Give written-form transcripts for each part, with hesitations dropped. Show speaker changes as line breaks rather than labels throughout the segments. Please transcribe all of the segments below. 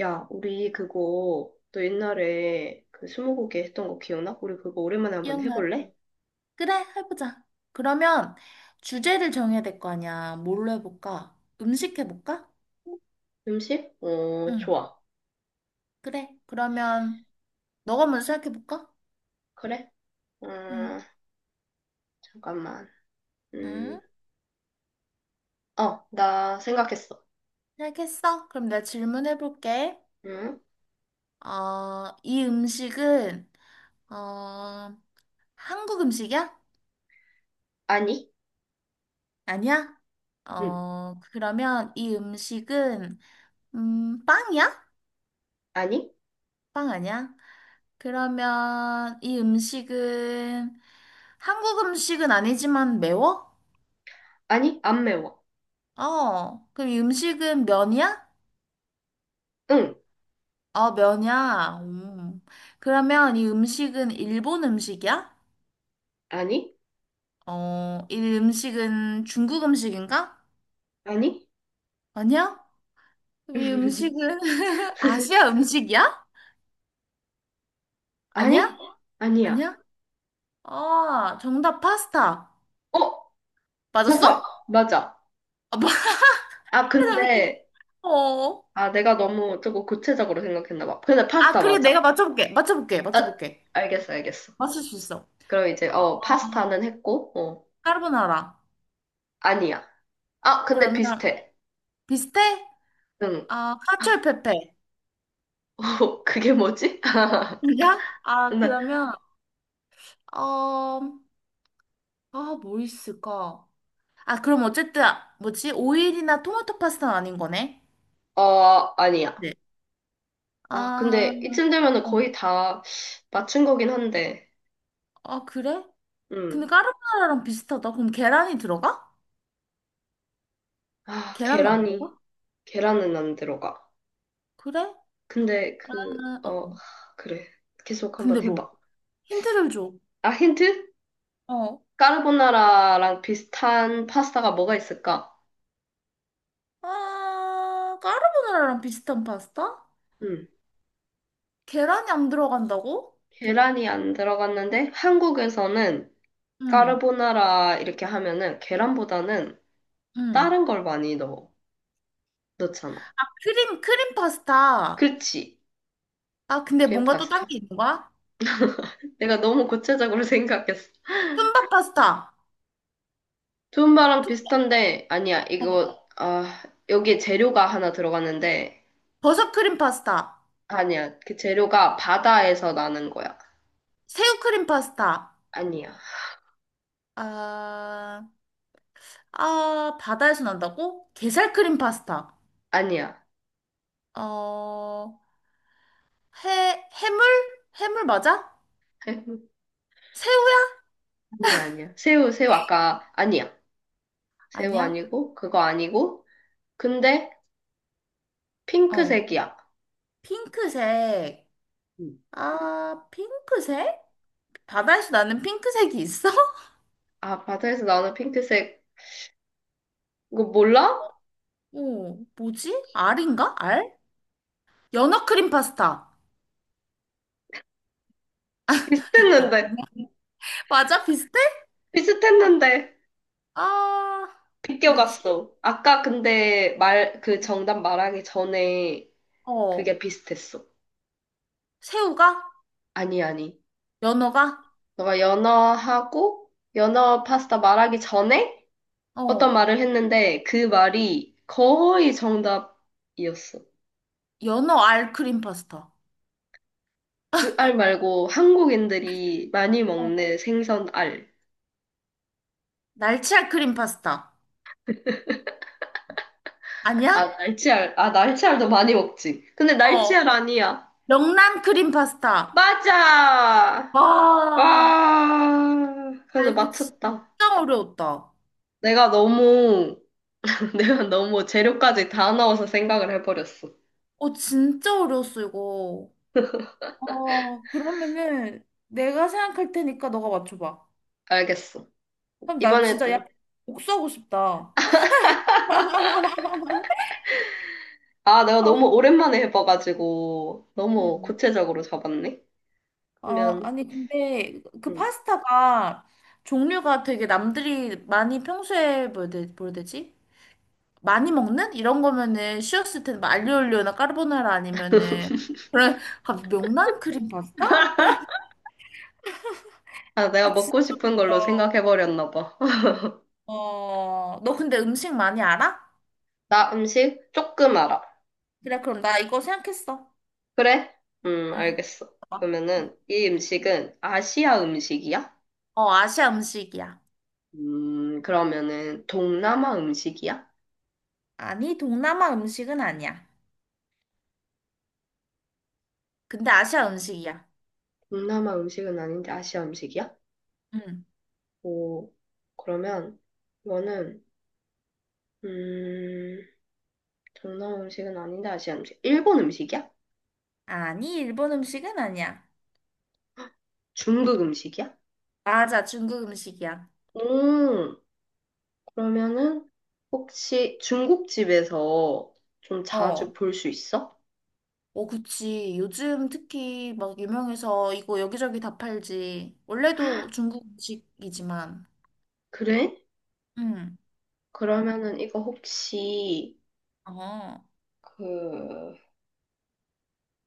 야, 우리 그거 너 옛날에 그 스무고개 했던 거 기억나? 우리 그거 오랜만에 한번 해볼래?
기억나지? 그래, 해보자. 그러면 주제를 정해야 될 거 아니야. 뭘로 해볼까? 음식 해볼까?
음식? 어,
응,
좋아.
그래. 그러면 너가 먼저 생각해볼까?
그래? 음,
응,
잠깐만. 음,
응,
나 생각했어.
생각했어. 그럼 내가 질문해볼게.
응?
이 음식은, 어, 한국 음식이야?
아니?
아니야?
응.
그러면 이 음식은, 빵이야?
아니?
빵 아니야? 그러면 이 음식은 한국 음식은 아니지만 매워?
아니? 안 매워.
그럼 이 음식은 면이야?
응.
면이야. 음. 그러면 이 음식은 일본 음식이야?
아니?
이 음식은 중국 음식인가?
아니?
아니야? 그럼 이 음식은 아시아 음식이야?
아니?
아니야?
아니야.
아니야? 아, 정답 파스타.
어? 파스타.
맞았어?
맞아.
아,
아, 근데,
어.
아, 내가 너무 조금 구체적으로 생각했나 봐. 근데
아,
파스타
그래, 내가
맞아.
맞춰볼게. 맞춰볼게.
아,
맞춰볼게.
알겠어, 알겠어.
맞출 수 있어.
그럼 이제,
어,
파스타는 했고,
까르보나라.
아니야. 아, 근데
그러면
비슷해.
비슷해?
응.
아, 카츄페페.
그게 뭐지?
아니야? 아,
나,
그러면 어, 아, 뭐 있을까? 아, 그럼 어쨌든 뭐지? 오일이나 토마토 파스타는 아닌 거네.
아니야.
네.
아,
아,
근데 이쯤 되면은
어,
거의 다 맞춘 거긴 한데,
아, 그래? 근데
음.
까르보나라랑 비슷하다. 그럼 계란이 들어가?
아,
계란은 안
계란이,
들어가?
계란은 안 들어가.
그래?
근데
아, 어.
그래. 계속
근데
한번
뭐
해봐.
힌트를 줘.
아, 힌트?
어.
까르보나라랑 비슷한 파스타가 뭐가 있을까?
아, 까르보나라랑 비슷한 파스타?
음.
계란이 안 들어간다고?
계란이 안 들어갔는데, 한국에서는
응.
까르보나라 이렇게 하면은 계란보다는
응.
다른 걸 많이 넣어. 넣잖아.
아, 크림 파스타.
그치?
아, 근데
크림
뭔가 또 딴
파스타.
게 있는 거야?
내가 너무 구체적으로 생각했어.
툰바 파스타.
두음바랑
툰,
비슷한데 아니야.
어,
이거 여기에 재료가 하나 들어갔는데
버섯 크림 파스타.
아니야. 그 재료가 바다에서 나는 거야.
새우 크림 파스타.
아니야.
아, 아, 바다에서 난다고? 게살 크림 파스타.
아니야.
어, 해물? 해물 맞아? 새우야?
아니야, 아니야. 새우, 새우 아까 아니야. 새우
아니야?
아니고 그거 아니고 근데
어,
핑크색이야.
핑크색.
음.
아, 핑크색? 바다에서 나는 핑크색이 있어?
아, 바다에서 나오는 핑크색 이거 몰라?
어, 뭐지? 알인가? 알? 연어 크림 파스타.
비슷했는데,
맞아? 비슷해?
비슷했는데,
아, 뭐지?
비껴갔어. 아까 근데 그 정답 말하기 전에
어,
그게 비슷했어.
새우가?
아니, 아니.
연어가?
너가 연어 파스타 말하기 전에 어떤
어,
말을 했는데 그 말이 거의 정답이었어.
연어 알크림 파스타.
그 알 말고 한국인들이 많이
어,
먹는 생선 알.
날치 알크림 파스타.
아,
아니야?
날치알. 아, 날치알도 많이 먹지. 근데
어,
날치알 아니야.
명란 크림 파스타.
맞아!
와,
아,
나
그래도
이거 진짜
맞췄다.
어려웠다.
내가 너무, 내가 너무 재료까지 다 넣어서 생각을 해버렸어.
진짜 어려웠어, 이거. 그러면은 내가 생각할 테니까 너가 맞춰봐.
알겠어.
그럼 나 진짜 약
이번에도.
복수하고 싶다.
아, 내가
아,
너무 오랜만에 해봐가지고, 너무
음.
구체적으로 잡았네?
아,
그러면,
아니, 근데 그
음.
파스타가 종류가 되게 남들이 많이 평소에 뭐라 해야 되지? 많이 먹는? 이런 거면은 쉬웠을 텐데, 뭐 알리올리오나 까르보나라 아니면은. 그래, 갑자기 명란 크림 파스타?
아, 내가
아, 진짜
먹고
있
싶은 걸로
다
생각해버렸나 봐.
너 근데 음식 많이 알아?
나 음식 조금 알아.
그래, 그럼 나 이거 생각했어.
그래?
응.
알겠어.
봐봐. 응.
그러면은, 이 음식은 아시아 음식이야?
아시아 음식이야.
그러면은, 동남아 음식이야?
아니, 동남아 음식은 아니야. 근데 아시아 음식이야.
동남아 음식은 아닌데 아시아 음식이야?
응.
오, 그러면 이거는 음, 동남아 음식은 아닌데 아시아 음식. 일본 음식이야?
아니, 일본 음식은 아니야.
중국 음식이야?
맞아, 중국 음식이야.
오, 그러면은 혹시 중국집에서 좀 자주
어.
볼 수 있어?
그치. 요즘 특히 막 유명해서 이거 여기저기 다 팔지. 원래도 중국 음식이지만.
그래?
응.
그러면은 이거 혹시
어.
그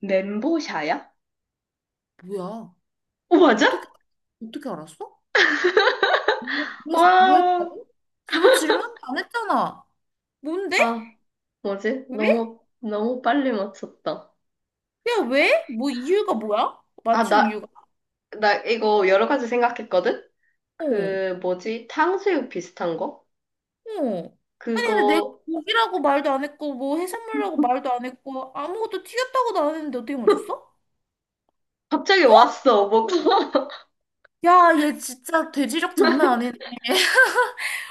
멘보샤야?
뭐야?
어, 맞아?
어떻게, 어떻게 알았어? 뭐
와,
했다고? 너 질문도 안 했잖아. 뭔데?
아, 뭐지?
왜?
너무 너무 빨리 맞췄다.
야, 왜? 뭐 이유가 뭐야?
아,
맞춘
나
이유가?
나 이거 여러 가지 생각했거든?
어.
그 뭐지? 탕수육 비슷한 거?
어. 아니,
그거
근데 내가 고기라고 말도 안 했고, 뭐 해산물이라고 말도 안 했고, 아무것도 튀겼다고도 안 했는데 어떻게 맞췄어?
갑자기 왔어. 뭐
야, 얘 진짜 돼지력 장난 아니네.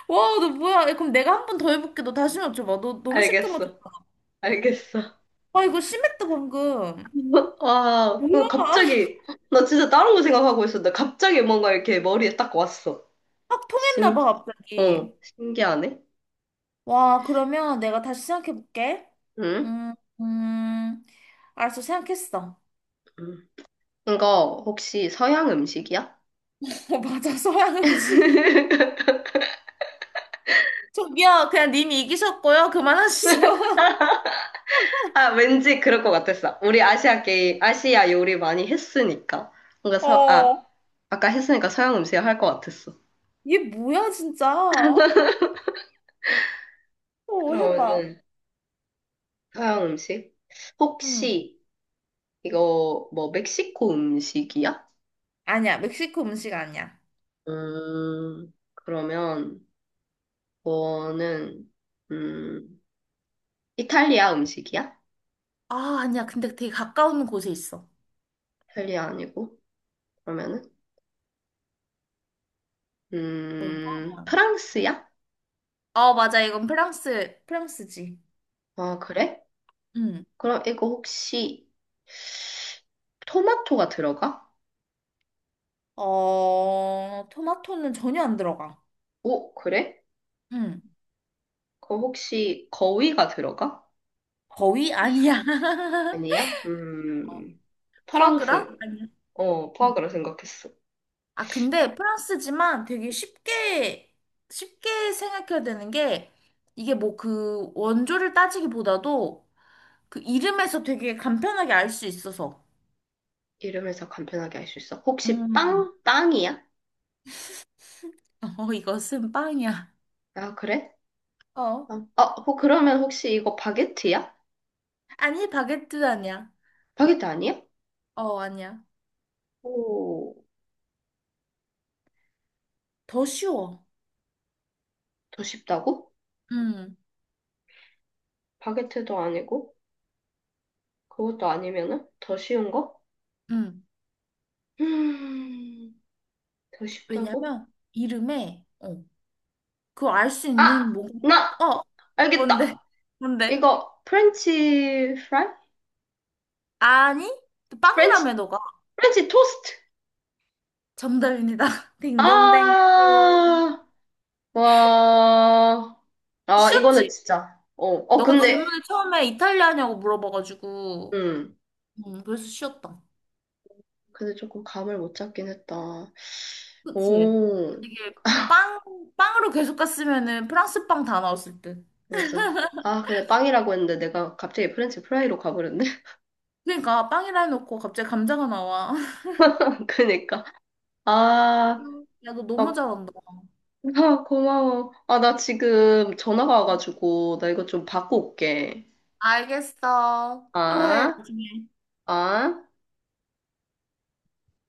와, 너 뭐야? 야, 그럼 내가 한 번 더 해볼게. 너 다시 맞춰봐. 너 너무 쉽게
알겠어. 알겠어.
와, 이거 심했다, 방금.
와, 그거
뭐야?
갑자기 나 진짜 다른 거 생각하고 있었는데 갑자기 뭔가 이렇게 머리에 딱 왔어.
확 통했나
신기,
봐, 갑자기.
신기하네.
와, 그러면 내가 다시 생각해볼게.
응?
음, 음. 알았어, 생각했어.
응. 이거 혹시 서양 음식이야?
어, 맞아, 서양 음식. 저기요, 그냥 님이 이기셨고요. 그만하시죠.
아, 왠지 그럴 것 같았어. 우리 아시아 요리 많이 했으니까. 뭔가
어.
아까 했으니까 서양 음식 할 것 같았어.
얘 뭐야, 진짜? 해봐.
그러면은, 서양 음식?
응.
혹시, 이거, 뭐, 멕시코 음식이야?
아니야, 멕시코 음식 아니야.
그러면, 뭐는, 음, 이탈리아 음식이야?
아, 아니야. 근데 되게 가까운 곳에 있어.
이탈리아 아니고, 그러면은,
뭘까?
프랑스야?
아, 맞아. 이건 프랑스, 프랑스지.
아, 그래?
응.
그럼 이거 혹시, 토마토가 들어가?
토마토는 전혀 안 들어가.
오, 그래?
응.
그 혹시 거위가 들어가?
거의 아니야.
아니야?
어, 푸아그라?
프랑스.
아니야.
어,
음.
포악으로 생각했어.
아, 근데 프랑스지만 되게 쉽게, 쉽게 생각해야 되는 게, 이게 뭐 그 원조를 따지기보다도 그 이름에서 되게 간편하게 알 수 있어서.
이름에서 간편하게 알 수 있어. 혹시
음.
빵? 빵이야?
이것은 빵이야.
아, 그래?
어.
빵. 그러면 혹시 이거 바게트야?
아니, 바게트 아니야.
바게트 아니야?
아니야.
오,
더 쉬워.
더 쉽다고?
응,
바게트도 아니고, 그것도 아니면은 더 쉬운 거?
음
음, 더 쉽다고?
왜냐면 이름에 그거 알 수 있는
아, 나
어, 뭔데?
알겠다.
뭔데?
이거 프렌치 프라이?
아니?
프렌치,
빵이라며 너가.
프렌치 토스트.
정답입니다. 딩동댕.
아, 와, 아, 이거는
쉬웠지?
진짜,
너가
근데,
질문을 처음에 이탈리아냐고
아,
물어봐가지고. 그래서 쉬웠다.
근데 조금 감을 못 잡긴 했다.
그치?
오,
이게 빵, 빵으로 계속 갔으면은 프랑스 빵 다 나왔을 듯.
맞아. 아, 근데 빵이라고 했는데 내가 갑자기 프렌치 프라이로 가버렸네.
그러니까 빵이라 해놓고 갑자기 감자가 나와.
그니까. 아,
야, 너 너무
막,
잘한다.
아, 고마워. 아, 나 지금 전화가 와가지고, 나 이거 좀 받고 올게.
알겠어. 또 해,
아,
나중에.
아.